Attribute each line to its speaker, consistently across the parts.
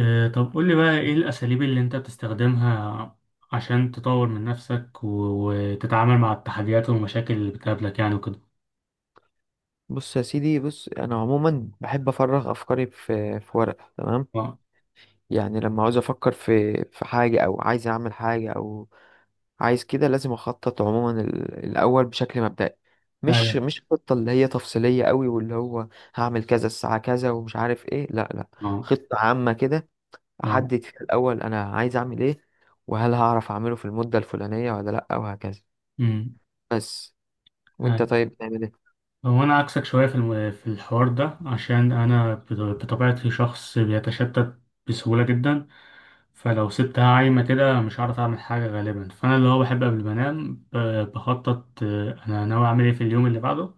Speaker 1: طب قول لي بقى ايه الاساليب اللي انت بتستخدمها عشان تطور من نفسك وتتعامل مع التحديات والمشاكل اللي بتقابلك يعني وكده.
Speaker 2: بص يا سيدي، بص انا عموما بحب افرغ افكاري في ورقه. تمام.
Speaker 1: اه،
Speaker 2: يعني لما عاوز افكر في حاجه، او عايز اعمل حاجه، او عايز كده، لازم اخطط عموما الاول بشكل مبدئي. مش
Speaker 1: ايوه،
Speaker 2: مش خطه اللي هي تفصيليه قوي، واللي هو هعمل كذا الساعه كذا ومش عارف ايه، لا لا.
Speaker 1: اه،
Speaker 2: خطه عامه كده،
Speaker 1: اه،
Speaker 2: احدد فيها الاول انا عايز اعمل ايه، وهل هعرف اعمله في المده الفلانيه ولا لا، وهكذا،
Speaker 1: امم،
Speaker 2: بس. وانت
Speaker 1: أيوة.
Speaker 2: طيب بتعمل ايه؟
Speaker 1: هو انا عكسك شويه في في الحوار ده عشان انا بطبيعتي شخص بيتشتت بسهوله جدا. فلو سبتها عايمه كده مش هعرف اعمل حاجه غالبا، فانا اللي هو بحب قبل ما انام بخطط، انا ناوي اعمل ايه في اليوم اللي بعده،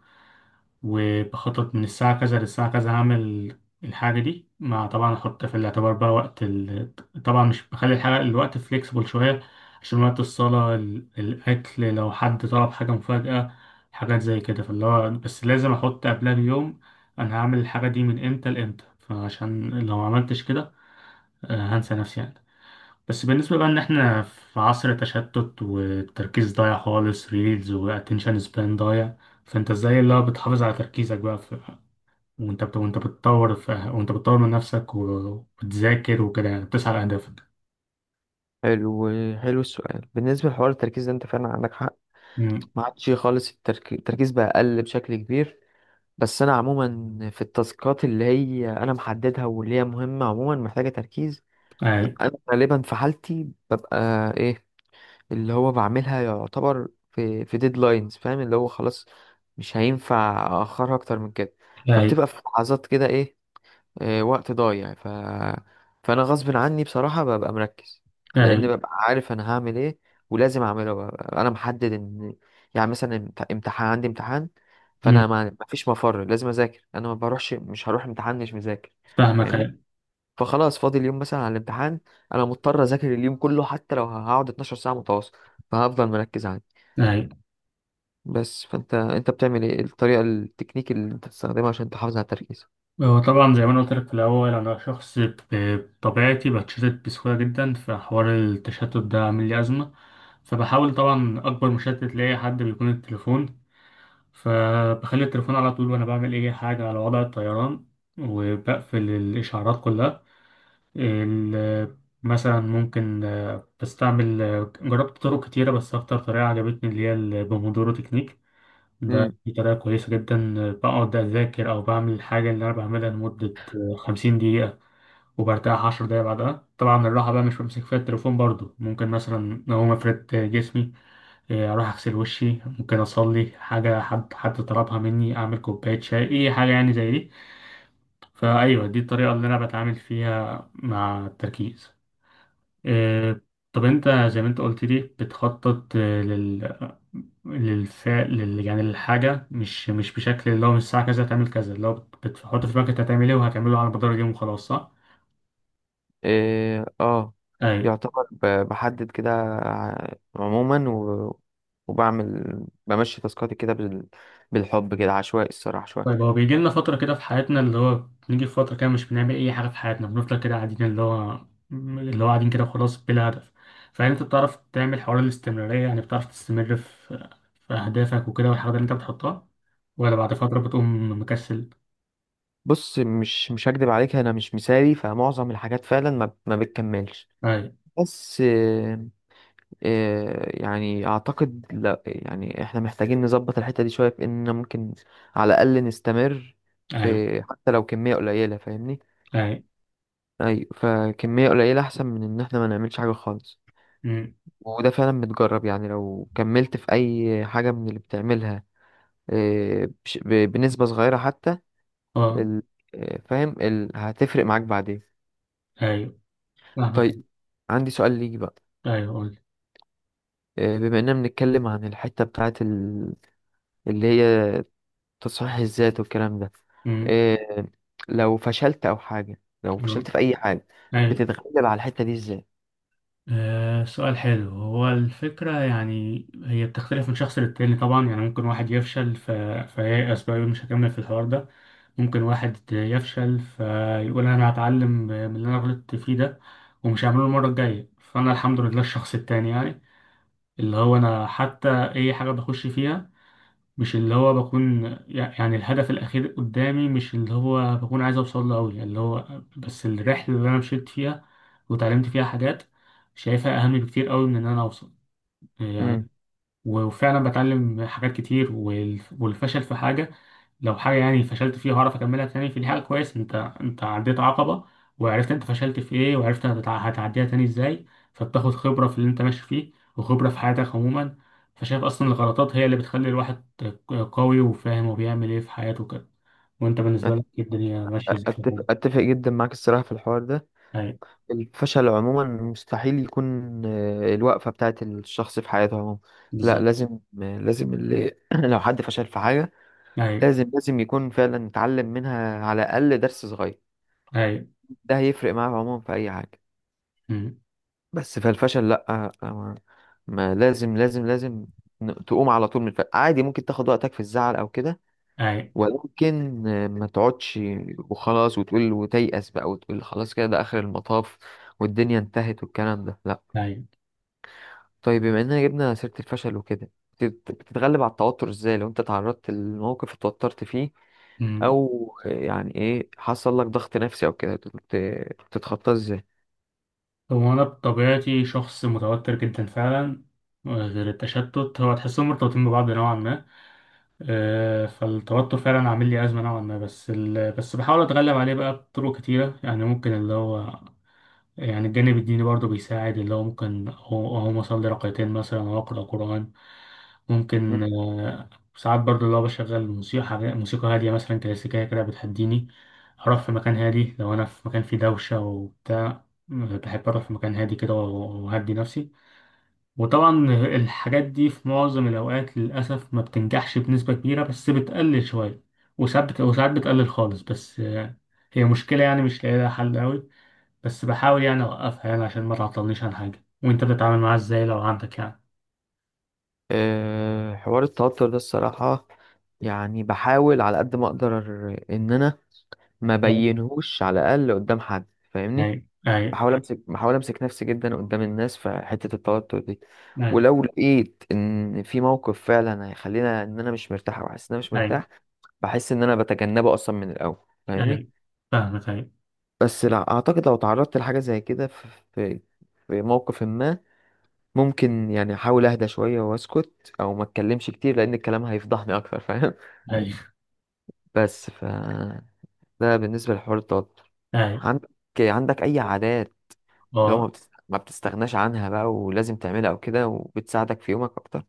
Speaker 1: وبخطط من الساعة كذا للساعة كذا هعمل الحاجة دي، مع طبعا أحط في الاعتبار بقى وقت طبعا مش بخلي الحاجة الوقت فليكسبل شوية عشان وقت الصلاة، الأكل، لو حد طلب حاجة مفاجأة، حاجات زي كده. فاللي هو بس لازم أحط قبلها بيوم أنا هعمل الحاجة دي من إمتى لإمتى، فعشان لو ما عملتش كده هنسى نفسي يعني. بس بالنسبة بقى إن إحنا في عصر تشتت والتركيز ضايع خالص، ريلز وأتنشن سبان ضايع. فانت ازاي اللي هو بتحافظ على تركيزك بقى في وانت بتطور في... أه، وانت بتطور من نفسك وبتذاكر وكده بتسعى لأهدافك؟
Speaker 2: حلو، حلو السؤال. بالنسبه لحوار التركيز ده، انت فعلا عندك حق.
Speaker 1: مم.
Speaker 2: ما عادش خالص التركيز بقى أقل بشكل كبير. بس أنا عموما في التاسكات اللي هي أنا محددها واللي هي مهمة، عموما محتاجة تركيز.
Speaker 1: أي،
Speaker 2: أنا غالبا في حالتي ببقى، إيه، اللي هو بعملها يعتبر في ديدلاينز. فاهم؟ اللي هو خلاص، مش هينفع أأخرها أكتر من كده.
Speaker 1: أي،
Speaker 2: فبتبقى في لحظات كده، إيه، وقت ضايع. فانا غصب عني بصراحة ببقى مركز،
Speaker 1: أي.
Speaker 2: لان ببقى عارف انا هعمل ايه ولازم اعمله، ببقى انا محدد ان، يعني مثلا امتحان، عندي امتحان،
Speaker 1: مم.
Speaker 2: فانا ما مفيش مفر، لازم اذاكر، انا ما بروحش، مش هروح امتحان مش مذاكر.
Speaker 1: فاهمك.
Speaker 2: فاهمني؟
Speaker 1: أي،
Speaker 2: فخلاص، فاضل اليوم مثلا على الامتحان، انا مضطر اذاكر اليوم كله، حتى لو هقعد 12 ساعة متواصل، فهفضل مركز عندي.
Speaker 1: أي.
Speaker 2: بس، فانت بتعمل ايه الطريقة التكنيك اللي انت بتستخدمها عشان تحافظ على التركيز؟
Speaker 1: هو طبعا زي ما أنا قلت لك في الأول، أنا شخص بطبيعتي بتشتت بسهولة جدا، فحوار التشتت ده عامل لي أزمة. فبحاول طبعا، أكبر مشتت لأي حد بيكون التليفون، فبخلي التليفون على طول وأنا بعمل أي حاجة على وضع الطيران، وبقفل الإشعارات كلها. ال- مثلا ممكن، بستعمل، جربت طرق كتيرة بس أكتر طريقة عجبتني اللي هي البومودورو تكنيك. دي طريقة كويسة جدا. بقعد أذاكر أو بعمل الحاجة اللي أنا بعملها لمدة 50 دقيقة، وبرتاح 10 دقايق بعدها. طبعا الراحة بقى مش بمسك فيها التليفون برضو، ممكن مثلا لو ما فردت جسمي أروح أغسل وشي، ممكن أصلي حاجة، حد طلبها مني، أعمل كوباية شاي، أي حاجة يعني زي دي. فأيوه دي الطريقة اللي أنا بتعامل فيها مع التركيز. آه، طب انت زي ما انت قلت لي بتخطط للفعل يعني للحاجة، مش بشكل اللي هو من الساعة كذا هتعمل كذا، اللي هو بتحط في بالك انت هتعمل ايه وهتعمله على مدار اليوم وخلاص، صح؟
Speaker 2: إيه، اه،
Speaker 1: ايوه.
Speaker 2: يعتبر بحدد كده عموما وبعمل، بمشي تاسكاتي كده بالحب كده، عشوائي الصراحة
Speaker 1: طيب،
Speaker 2: شوية.
Speaker 1: هو بيجي لنا فترة كده في حياتنا اللي هو، بنيجي في فترة كده مش بنعمل أي حاجة في حياتنا، بنفضل كده قاعدين اللي هو قاعدين كده وخلاص بلا هدف. فهل أنت بتعرف تعمل حوار الاستمرارية؟ يعني بتعرف تستمر في أهدافك وكده والحاجات اللي أنت بتحطها، ولا بعد فترة بتقوم مكسل؟
Speaker 2: بص، مش هكدب عليك، انا مش مثالي، فمعظم الحاجات فعلا ما بتكملش.
Speaker 1: أيوه.
Speaker 2: بس إيه يعني، اعتقد لا، يعني احنا محتاجين نظبط الحتة دي شوية في اننا ممكن على الاقل نستمر
Speaker 1: أيوه،
Speaker 2: في، حتى لو كمية قليلة، فاهمني؟
Speaker 1: اي.
Speaker 2: ايوه، فكمية قليلة احسن من ان احنا ما نعملش حاجة خالص.
Speaker 1: أمم.
Speaker 2: وده فعلا متجرب، يعني لو كملت في أي حاجة من اللي بتعملها، بنسبة صغيرة حتى،
Speaker 1: اه.
Speaker 2: ال- فاهم، هتفرق معاك بعدين.
Speaker 1: ايوه، فاهمك.
Speaker 2: طيب، عندي سؤال ليك بقى.
Speaker 1: ايوه، قول.
Speaker 2: بما إننا بنتكلم عن الحتة بتاعت اللي هي تصحيح الذات والكلام ده،
Speaker 1: أمم.
Speaker 2: آه، لو فشلت أو حاجة، لو
Speaker 1: آه.
Speaker 2: فشلت في أي حاجة،
Speaker 1: ايوه.
Speaker 2: بتتغلب على الحتة دي إزاي؟
Speaker 1: آه. سؤال حلو. هو الفكرة يعني هي بتختلف من شخص للتاني طبعا. يعني ممكن واحد يفشل فييأس بقى يقول مش هكمل في الحوار ده، ممكن واحد يفشل فيقول انا هتعلم من اللي انا غلطت فيه ده، ومش هعمله المرة الجاية. فانا الحمد لله الشخص التاني يعني، اللي هو انا حتى، اي حاجة بخش فيها مش اللي هو بكون يعني الهدف الأخير قدامي، مش اللي هو بكون عايز أوصل له أوي، يعني اللي هو بس الرحلة اللي أنا مشيت فيها وتعلمت فيها حاجات شايفها أهم بكتير أوي من إن أنا أوصل
Speaker 2: مم.
Speaker 1: يعني. وفعلا بتعلم حاجات كتير، والفشل في حاجة، لو حاجة يعني فشلت فيها هعرف أكملها تاني، فدي حاجة كويس. أنت عديت عقبة وعرفت أنت فشلت في إيه، وعرفت هتعديها تاني إزاي. فبتاخد خبرة في اللي أنت ماشي فيه وخبرة في حياتك عموما. فشايف أصلا الغلطات هي اللي بتخلي الواحد قوي وفاهم وبيعمل إيه في حياته كده. وأنت بالنسبة
Speaker 2: أت-
Speaker 1: لك إيه، الدنيا ماشية إزاي؟
Speaker 2: أتفق جدا معاك الصراحة في الحوار ده.
Speaker 1: أي.
Speaker 2: الفشل عموما مستحيل يكون، الوقفة بتاعت الشخص في حياته عموما. لا،
Speaker 1: بالظبط.
Speaker 2: لازم، لازم اللي لو حد فشل في حاجة،
Speaker 1: أي،
Speaker 2: لازم يكون فعلا اتعلم منها على الأقل درس صغير.
Speaker 1: أي.
Speaker 2: ده هيفرق معاه عموما في أي حاجة.
Speaker 1: أمم.
Speaker 2: بس، فالفشل لا، ما، لازم تقوم على طول من الفشل. عادي ممكن تاخد وقتك في الزعل أو كده،
Speaker 1: أي،
Speaker 2: ولكن ما تقعدش وخلاص وتقول وتيأس بقى، وتقول خلاص كده ده آخر المطاف والدنيا انتهت والكلام ده. لا.
Speaker 1: أي.
Speaker 2: طيب، بما اننا جبنا سيرة الفشل وكده، بتتغلب على التوتر ازاي لو انت تعرضت لموقف اتوترت فيه،
Speaker 1: أمم.
Speaker 2: او يعني ايه، حصل لك ضغط نفسي او كده، بتتخطاه ازاي؟
Speaker 1: هو أنا بطبيعتي شخص متوتر جدا فعلا. غير التشتت، هو تحسهم مرتبطين ببعض نوعا ما. فالتوتر فعلا عامل لي أزمة نوعا ما، بس بس بحاول أتغلب عليه بقى بطرق كتيرة. يعني ممكن اللي هو، يعني الجانب الديني برضه بيساعد، اللي هو ممكن أقوم أصلي ركعتين مثلا، أو أقرأ قرآن. ممكن
Speaker 2: مم.
Speaker 1: ساعات برضه اللي هو بشغل موسيقى هادية مثلا كلاسيكية كده بتهديني. أروح في مكان هادي، لو أنا في مكان فيه دوشة وبتاع بحب أروح في مكان هادي كده وأهدي نفسي. وطبعا الحاجات دي في معظم الأوقات للأسف ما بتنجحش بنسبة كبيرة، بس بتقلل شوية، وساعات بتقلل خالص. بس هي مشكلة يعني مش لاقي لها حل أوي، بس بحاول يعني أوقفها يعني عشان ما تعطلنيش عن حاجة. وأنت بتتعامل معاها إزاي لو عندك يعني؟
Speaker 2: حوار التوتر ده الصراحة، يعني بحاول على قد ما اقدر ان انا ما
Speaker 1: آه.
Speaker 2: بينهوش على الاقل قدام حد، فاهمني؟
Speaker 1: أي، أي،
Speaker 2: بحاول امسك نفسي جدا قدام الناس في حته التوتر دي.
Speaker 1: أي،
Speaker 2: ولو لقيت ان في موقف فعلا هيخلينا ان انا مش مرتاح، او حاسس ان انا مش
Speaker 1: أي،
Speaker 2: مرتاح، بحس ان انا بتجنبه اصلا من الاول. فاهمني؟
Speaker 1: أي. فاهمك. أي،
Speaker 2: بس لا، اعتقد لو تعرضت لحاجه زي كده في، في موقف ما، ممكن يعني احاول اهدى شويه واسكت، او ما اتكلمش كتير لان الكلام هيفضحني اكتر. فاهم؟
Speaker 1: أي،
Speaker 2: بس ده بالنسبه لحوار التوتر.
Speaker 1: أي.
Speaker 2: عندك عندك اي عادات اللي هو
Speaker 1: أه.
Speaker 2: ما بتستغناش عنها بقى ولازم تعملها او كده، وبتساعدك في يومك اكتر؟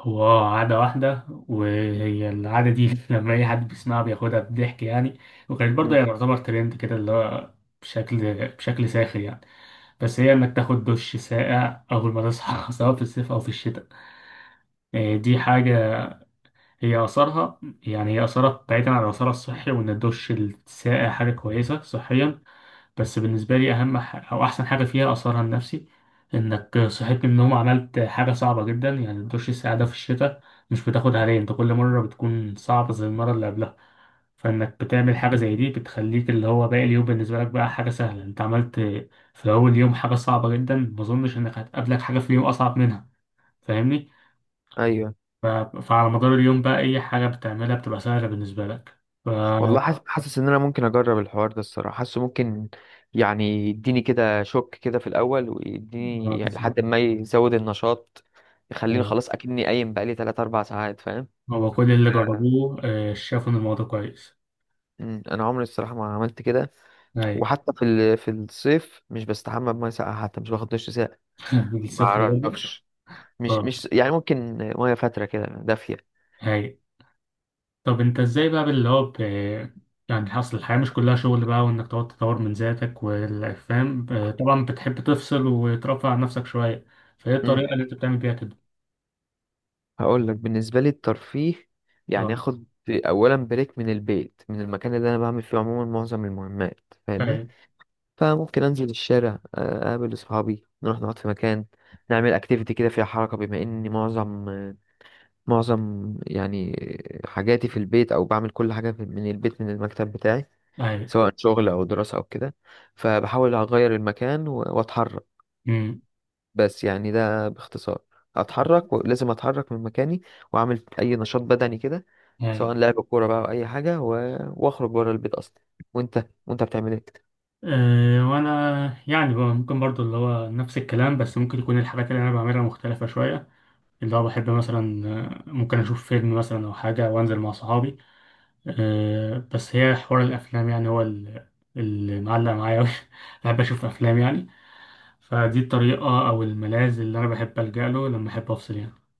Speaker 1: هو عادة واحدة، وهي العادة دي لما أي حد بيسمعها بياخدها بضحك يعني، وكانت برضه
Speaker 2: مم.
Speaker 1: هي تعتبر ترند كده اللي هو بشكل ساخر يعني. بس هي إنك تاخد دش ساقع أول ما تصحى سواء في الصيف أو في الشتاء. دي حاجة هي آثارها، يعني هي آثارها بعيدا عن آثارها الصحي وإن الدش الساقع حاجة كويسة صحيا، بس بالنسبة لي أهم أو أحسن حاجة فيها أثرها النفسي. إنك صحيت من النوم عملت حاجة صعبة جدا، يعني دش السعادة في الشتاء مش بتاخد عليه، أنت كل مرة بتكون صعبة زي المرة اللي قبلها. فإنك بتعمل حاجة زي دي بتخليك اللي هو باقي اليوم بالنسبة لك بقى حاجة سهلة. أنت عملت في أول يوم حاجة صعبة جدا، ما أظنش إنك هتقابلك حاجة في اليوم أصعب منها، فاهمني؟
Speaker 2: ايوه.
Speaker 1: ف... فعلى مدار اليوم بقى أي حاجة بتعملها بتبقى سهلة بالنسبة لك. ف... آه،
Speaker 2: والله، حاسس ان انا ممكن اجرب الحوار ده، الصراحه حاسه ممكن يعني يديني كده شوك كده في الاول، ويديني يعني
Speaker 1: بالظبط.
Speaker 2: لحد ما يزود النشاط، يخليني
Speaker 1: أيوة.
Speaker 2: خلاص اكني قايم بقالي 3 4 ساعات. فاهم؟
Speaker 1: هو كل اللي
Speaker 2: آه،
Speaker 1: جربوه شافوا إن الموضوع كويس.
Speaker 2: مم. انا عمري الصراحه ما عملت كده.
Speaker 1: هاي
Speaker 2: وحتى في في الصيف، مش بستحمى بميه ساقعه، حتى مش باخد دش ساقع. ما
Speaker 1: السخنة برضه.
Speaker 2: اعرفش، مش
Speaker 1: اه.
Speaker 2: مش يعني، ممكن ميه فاتره كده دافيه.
Speaker 1: هاي. طب انت ازاي بقى اللي هو يعني حصل، الحياة مش كلها شغل بقى وانك تقعد تطور من ذاتك والفهم، طبعا بتحب تفصل وترفع عن نفسك شوية. فايه الطريقة اللي انت بتعمل بيها كده؟
Speaker 2: هقول لك، بالنسبه لي الترفيه، يعني
Speaker 1: اه.
Speaker 2: اخد اولا بريك من البيت، من المكان اللي انا بعمل فيه عموما معظم المهمات، فاهمني؟
Speaker 1: هاي.
Speaker 2: فممكن انزل الشارع، اقابل اصحابي، نروح نقعد في مكان، نعمل اكتيفيتي كده فيها حركه، بما اني معظم يعني حاجاتي في البيت، او بعمل كل حاجه من البيت، من المكتب بتاعي،
Speaker 1: هاي.
Speaker 2: سواء شغل او دراسه او كده، فبحاول اغير المكان واتحرك.
Speaker 1: امم.
Speaker 2: بس يعني ده باختصار، اتحرك، ولازم اتحرك من مكاني، واعمل اي نشاط بدني كده،
Speaker 1: هاي.
Speaker 2: سواء لعب كوره بقى او اي حاجه واخرج بره البيت اصلا. وانت بتعمل ايه؟
Speaker 1: أه. وانا يعني بقى ممكن برضو اللي هو نفس الكلام، بس ممكن يكون الحاجات اللي انا بعملها مختلفة شوية. اللي هو بحب مثلا ممكن اشوف فيلم مثلا او حاجة وانزل مع صحابي. بس هي حوار الأفلام يعني، هو اللي معلق معايا أوي بحب أشوف أفلام يعني. فدي الطريقة أو الملاذ اللي أنا بحب ألجأ له لما أحب أفصل يعني.